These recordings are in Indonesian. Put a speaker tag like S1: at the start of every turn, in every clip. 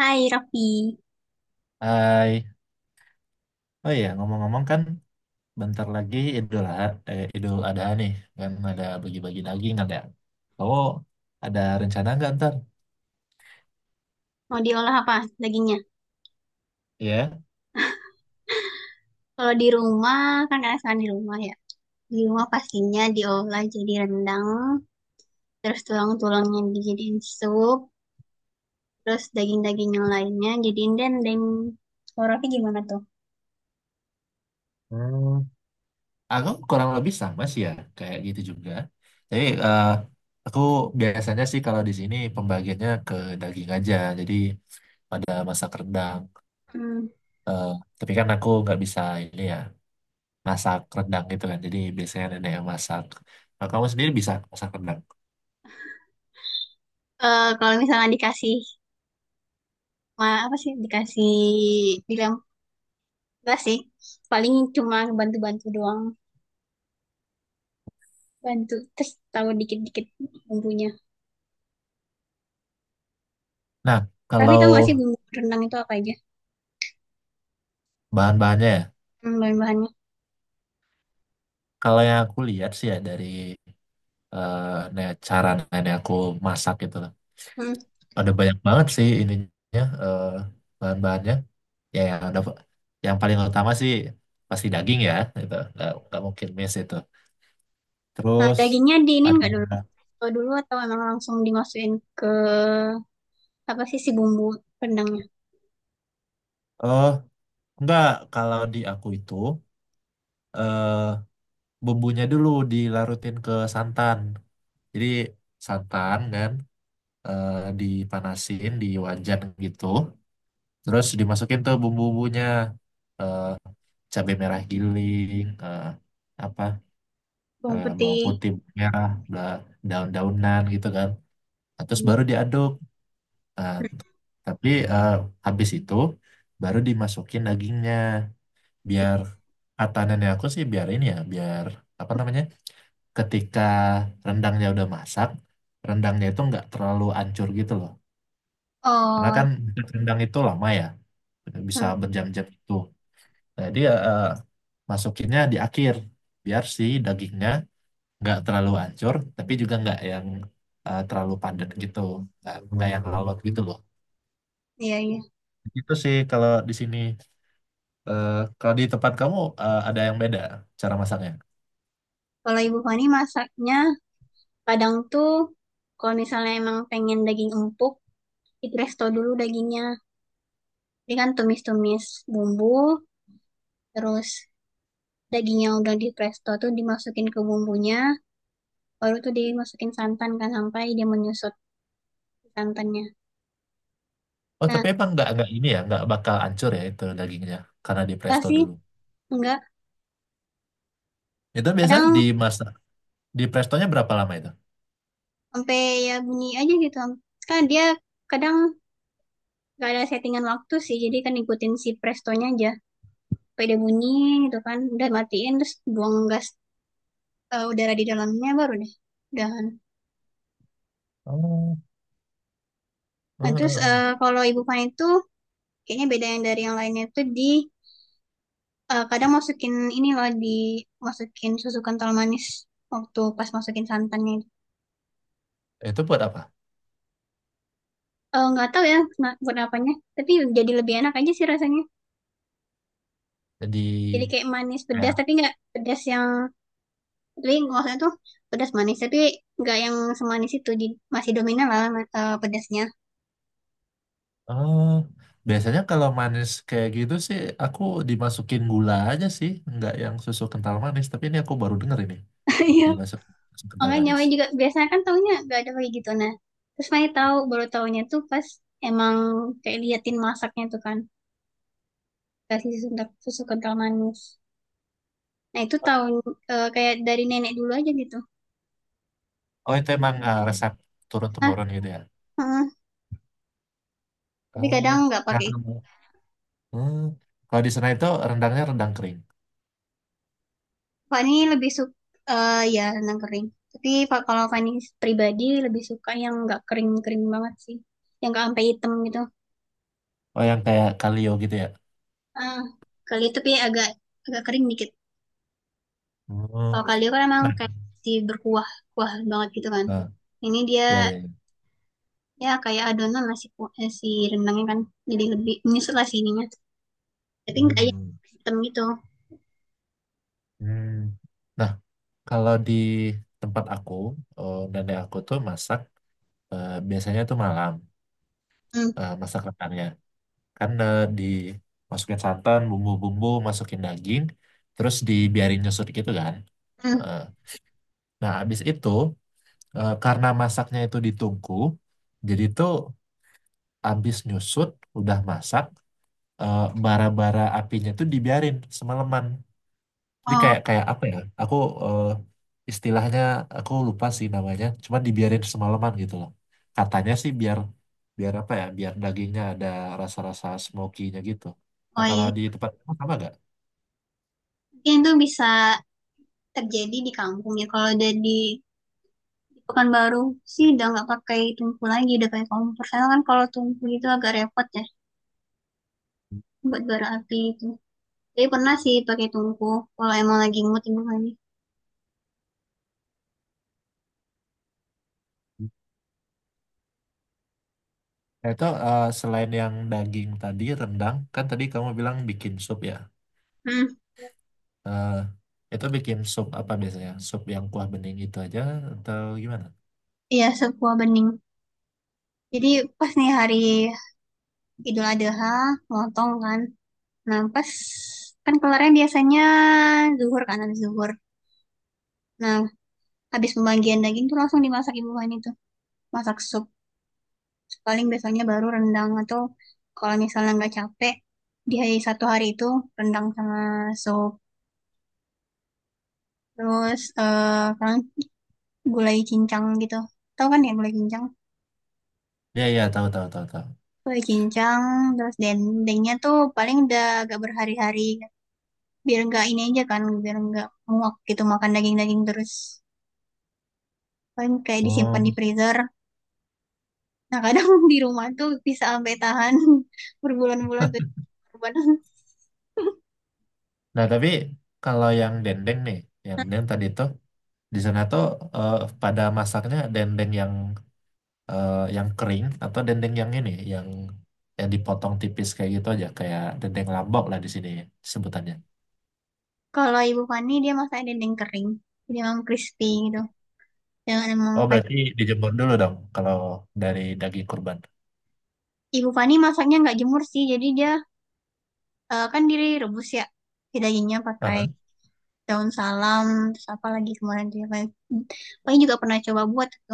S1: Hai Raffi,
S2: Hai, oh iya ngomong-ngomong kan bentar lagi Idul Adha nih, kan ada bagi-bagi daging kan ya. Kamu ada rencana nggak ntar?
S1: mau diolah apa dagingnya?
S2: Iya.
S1: Kalau di rumah, kan karena sekarang di rumah ya. Di rumah pastinya diolah jadi rendang, terus tulang-tulangnya dijadiin sup, terus daging-daging yang lainnya jadiin dendeng. Kalau Raffi gimana tuh?
S2: Hmm, aku kurang lebih sama sih ya kayak gitu juga. Tapi aku biasanya sih kalau di sini pembagiannya ke daging aja. Jadi pada masak rendang.
S1: Hmm.
S2: Eh, tapi kan aku nggak bisa ini ya, masak rendang gitu kan. Jadi biasanya nenek yang masak. Nah, kamu sendiri bisa masak rendang.
S1: Kalau misalnya dikasih, apa sih, dikasih bilang, enggak sih, paling cuma bantu-bantu doang. Bantu, terus tahu dikit-dikit bumbunya.
S2: Nah,
S1: Tapi
S2: kalau
S1: tahu nggak sih bumbu rendang itu apa aja?
S2: bahan-bahannya ya.
S1: Hmm, bahan-bahannya.
S2: Kalau yang aku lihat sih ya dari eh, cara nenek aku masak gitu loh.
S1: Hmm.
S2: Ada banyak banget sih ininya, bahan-bahannya. Ya yang ada, yang paling utama sih pasti daging ya gitu. Nggak mungkin miss itu.
S1: Nah,
S2: Terus
S1: dagingnya diinin
S2: ada,
S1: nggak dulu? Atau dulu atau emang langsung dimasukin ke apa sih si bumbu rendangnya?
S2: oh enggak, kalau di aku itu eh bumbunya dulu dilarutin ke santan. Jadi santan kan eh, dipanasin di wajan gitu. Terus dimasukin tuh bumbu-bumbunya, eh cabai merah giling, apa,
S1: Bawang
S2: bawang
S1: putih.
S2: putih merah, bla, daun-daunan gitu kan. Nah, terus baru diaduk. Nah, tapi habis itu baru dimasukin dagingnya, biar kata nenek aku sih biar ini ya, biar apa namanya? Ketika rendangnya udah masak, rendangnya itu nggak terlalu ancur gitu loh. Karena
S1: Oh,
S2: kan, hmm, rendang itu lama ya, bisa
S1: hmm,
S2: berjam-jam itu. Jadi eh, masukinnya di akhir biar si dagingnya nggak terlalu hancur tapi juga nggak yang terlalu padat gitu, nggak yang lalot gitu loh.
S1: iya iya.
S2: Itu sih kalau di sini. Eh, Kalau di tempat kamu ada yang beda cara masaknya?
S1: Kalau Ibu Fani masaknya kadang tuh kalau misalnya emang pengen daging empuk, di presto dulu dagingnya. Jadi kan tumis-tumis bumbu, terus daging yang udah di presto tuh dimasukin ke bumbunya, baru tuh dimasukin santan kan sampai dia menyusut santannya.
S2: Oh
S1: Nah,
S2: tapi emang nggak ini ya, nggak bakal hancur ya itu dagingnya karena di
S1: enggak
S2: presto
S1: sih,
S2: dulu?
S1: enggak.
S2: Itu biasanya
S1: Kadang
S2: dimasak di prestonya berapa lama itu?
S1: sampai ya bunyi aja gitu kan dia kadang gak ada settingan waktu sih jadi kan ikutin si prestonya aja sampai dia bunyi gitu kan udah matiin terus buang gas udara di dalamnya baru deh udahan.
S2: Oh, eh,
S1: Nah terus
S2: eh,
S1: kalau ibu pan itu kayaknya beda yang dari yang lainnya itu di kadang masukin ini loh di masukin susu kental manis waktu pas masukin santannya.
S2: eh. itu buat apa?
S1: Nggak tahu ya buat apanya tapi jadi lebih enak aja sih rasanya,
S2: Jadi,
S1: jadi kayak manis pedas tapi nggak pedas yang, tapi kalau tuh pedas manis tapi nggak yang semanis itu di, masih dominan lah pedasnya.
S2: oh, biasanya kalau manis kayak gitu sih aku dimasukin gula aja sih, nggak yang susu kental manis. Tapi ini aku baru denger ini
S1: Iya.
S2: dimasukin susu kental
S1: Makanya
S2: manis.
S1: Maya juga biasanya kan taunya nggak ada kayak gitu, nah terus Maya tahu baru taunya tuh pas emang kayak liatin masaknya tuh kan kasih susu, susu kental manis, nah itu tahun kayak dari nenek dulu aja gitu.
S2: Oh itu emang resep turun
S1: Ah,
S2: temurun gitu ya?
S1: heeh. Tapi
S2: Oh,
S1: kadang nggak
S2: nggak
S1: pakai itu.
S2: tahu. Hmm. Kalau di sana itu rendangnya rendang kering.
S1: Fani lebih suka ya renang kering tapi Pak kalau Fani pribadi lebih suka yang nggak kering-kering banget sih, yang nggak sampai hitam gitu.
S2: Oh yang kayak kalio gitu ya?
S1: Ah, kali itu kayak agak agak kering dikit. Kalau
S2: Oh,
S1: kalio kan emang
S2: nah,
S1: kayak masih berkuah, kuah banget gitu kan.
S2: nah,
S1: Ini dia
S2: ya ya, ya.
S1: ya kayak adonan masih si rendangnya kan jadi lebih menyusut lah si ininya. Tapi nggak yang
S2: Hmm.
S1: hitam gitu.
S2: Hmm. Nah kalau di tempat aku, oh, nenek aku tuh masak, biasanya tuh malam
S1: Hmm,
S2: masak rendangnya. Karena dimasukin santan, bumbu-bumbu, masukin daging, terus dibiarin nyusut gitu kan.
S1: hmm.
S2: Eh, nah abis itu, karena masaknya itu ditungku, jadi tuh abis nyusut udah masak, bara-bara apinya tuh dibiarin semalaman, jadi
S1: Oh
S2: kayak kayak apa ya? Aku, eh, istilahnya aku lupa sih namanya. Cuman dibiarin semalaman gitu loh. Katanya sih biar, biar apa ya? Biar dagingnya ada rasa-rasa smoky-nya gitu. Nah
S1: oh
S2: kalau
S1: iya.
S2: di tempat kamu sama gak?
S1: Mungkin itu bisa terjadi di kampung ya. Kalau udah di Pekanbaru sih udah nggak pakai tungku lagi, udah pakai kompor. Karena kan kalau tungku itu agak repot ya buat bara api itu. Jadi pernah sih pakai tungku kalau emang lagi mood ini lagi.
S2: Nah itu selain yang daging tadi rendang, kan tadi kamu bilang bikin sup ya.
S1: Hmm.
S2: Eh, itu bikin sup apa biasanya? Sup yang kuah bening itu aja atau gimana?
S1: Iya, sebuah bening. Jadi pas nih hari Idul Adha, lontong kan. Nah, pas kan kelarnya biasanya zuhur kan, habis zuhur. Nah, habis pembagian daging tuh langsung dimasak ibu kan itu. Masak sup. Paling biasanya baru rendang atau kalau misalnya nggak capek, di hari satu hari itu rendang sama sup. Terus eh kan gulai cincang gitu. Tahu kan ya gulai cincang?
S2: Ya ya, tahu tahu tahu tahu.
S1: Gulai cincang, terus dendengnya tuh paling udah agak berhari-hari, biar nggak ini aja kan biar nggak muak gitu makan daging-daging terus, paling kayak disimpan di
S2: Hmm.
S1: freezer. Nah kadang di rumah tuh bisa sampai tahan berbulan-bulan tuh korban.
S2: Nah tapi kalau yang dendeng nih, yang dendeng tadi itu di sana tuh, eh, pada masaknya dendeng yang yang kering atau dendeng yang ini yang dipotong tipis kayak gitu aja kayak dendeng lambok lah di sini sebutannya.
S1: Kalau Ibu Fani dia masak dendeng kering jadi emang crispy gitu, jangan emang
S2: Oh
S1: Fani-
S2: berarti dijemur dulu dong kalau dari daging kurban.
S1: Ibu Fani masaknya nggak jemur sih jadi dia kan direbus ya si dagingnya pakai
S2: Aha.
S1: daun salam terus apa lagi kemarin dia pakai, paling juga pernah coba buat gitu.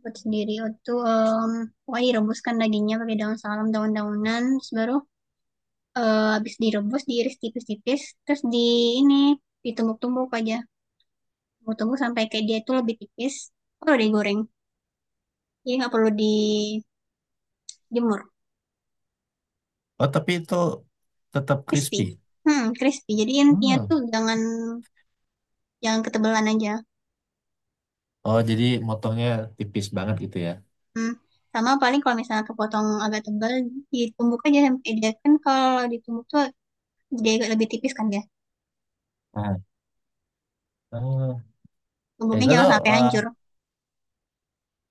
S1: Buat sendiri itu em, pokoknya direbuskan dagingnya pakai daun salam daun-daunan terus baru habis direbus diiris tipis-tipis terus di ini ditumbuk-tumbuk aja, tumbuk-tumbuk sampai kayak dia itu lebih tipis baru digoreng jadi nggak perlu dijemur.
S2: Oh tapi itu tetap
S1: Crispy,
S2: crispy.
S1: hmm crispy, jadi intinya
S2: Hmm.
S1: tuh jangan jangan ketebalan aja.
S2: Oh jadi motongnya tipis banget gitu ya.
S1: Hmm. Sama paling kalau misalnya kepotong agak tebal ditumbuk aja sampai dia kan kalau ditumbuk tuh dia agak lebih tipis kan ya,
S2: Ah. Oh,
S1: tumbuknya
S2: itu
S1: jangan
S2: tuh,
S1: sampai
S2: eh,
S1: hancur.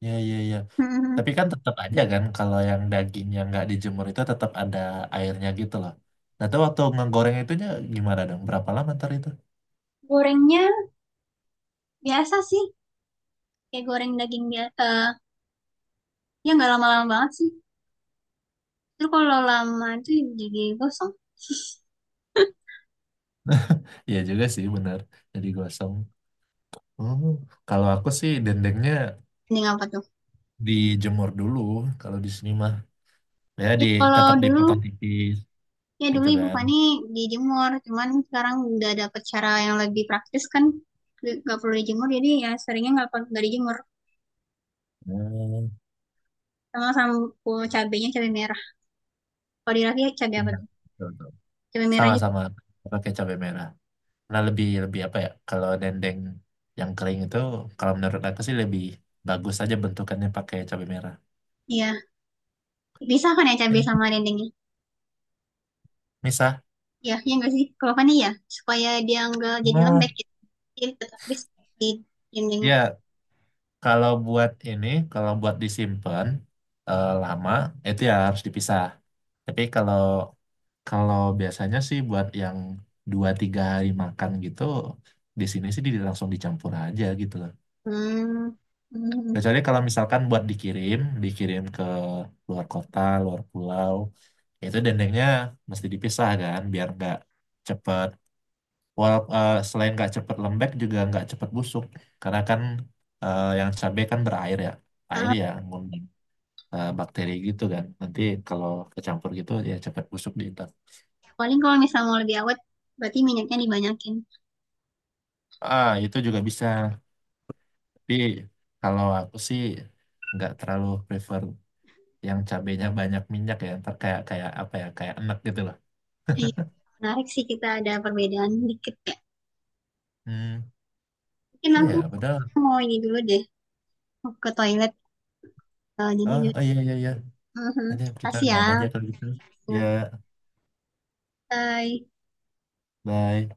S2: ya ya ya.
S1: Hmm.
S2: Tapi kan tetap aja kan kalau yang dagingnya nggak dijemur itu tetap ada airnya gitu loh. Nah, tuh waktu ngegoreng itunya gimana dong? Berapa lama ntar itu?
S1: Gorengnya biasa sih, kayak goreng daging dia. Ya nggak lama-lama banget sih. Terus kalau lama itu jadi gosong.
S2: Iya juga sih bener. Jadi gosong. Oh, kalau aku sih dendengnya
S1: Mending apa tuh?
S2: dijemur dulu kalau di sini mah. Ya di,
S1: Ya kalau
S2: tetap
S1: dulu,
S2: dipotong tipis
S1: ya dulu
S2: gitu
S1: ibu
S2: kan.
S1: pani dijemur. Cuman sekarang udah dapet cara yang lebih praktis kan. Nggak perlu dijemur, jadi ya seringnya nggak dijemur.
S2: Oh,
S1: Sama sama cabenya cabai merah. Kalau di Raffi cabai apa
S2: iya.
S1: tuh?
S2: Betul, betul.
S1: Cabai merah juga.
S2: Sama-sama pakai cabai merah. Nah, lebih lebih apa ya? Kalau dendeng yang kering itu kalau menurut aku sih lebih bagus aja bentukannya pakai cabai merah.
S1: Iya, bisa kan ya cabai
S2: Eh,
S1: sama dendengnya?
S2: Misah.
S1: Ya, ya nggak sih? Kalau pani ya, supaya dia nggak jadi
S2: Hmm,
S1: lembek gitu. Jadi tetap crispy dendengnya.
S2: ya kalau buat ini, kalau buat disimpan lama itu ya harus dipisah. Tapi kalau Kalau biasanya sih buat yang 2 3 hari makan gitu, di sini sih di-, langsung dicampur aja gitu loh.
S1: Hmm. Hmm.
S2: Kecuali kalau misalkan buat dikirim, dikirim ke luar kota, luar pulau, itu dendengnya mesti dipisah kan, biar nggak cepet. Walau selain nggak cepet lembek juga nggak cepet busuk karena kan yang cabai kan berair ya, air
S1: Ah,
S2: ya ngundang bakteri gitu kan. Nanti kalau kecampur gitu ya cepet busuk di intan.
S1: paling kalau misalnya mau lebih awet, berarti minyaknya dibanyakin.
S2: Ah itu juga bisa. Tapi kalau aku sih nggak terlalu prefer yang cabainya banyak minyak ya. Ntar kayak kayak apa ya kayak enak gitu loh.
S1: Iya, menarik sih kita ada perbedaan dikit ya.
S2: Hmm,
S1: Mungkin
S2: iya
S1: aku
S2: padahal.
S1: mau ini dulu deh, mau ke toilet. Jadi,
S2: Oh, oh iya iya iya.
S1: mhm,
S2: Jadi kita
S1: kasih ya.
S2: udahan aja kalau gitu. Ya,
S1: Ya. Bye.
S2: bye.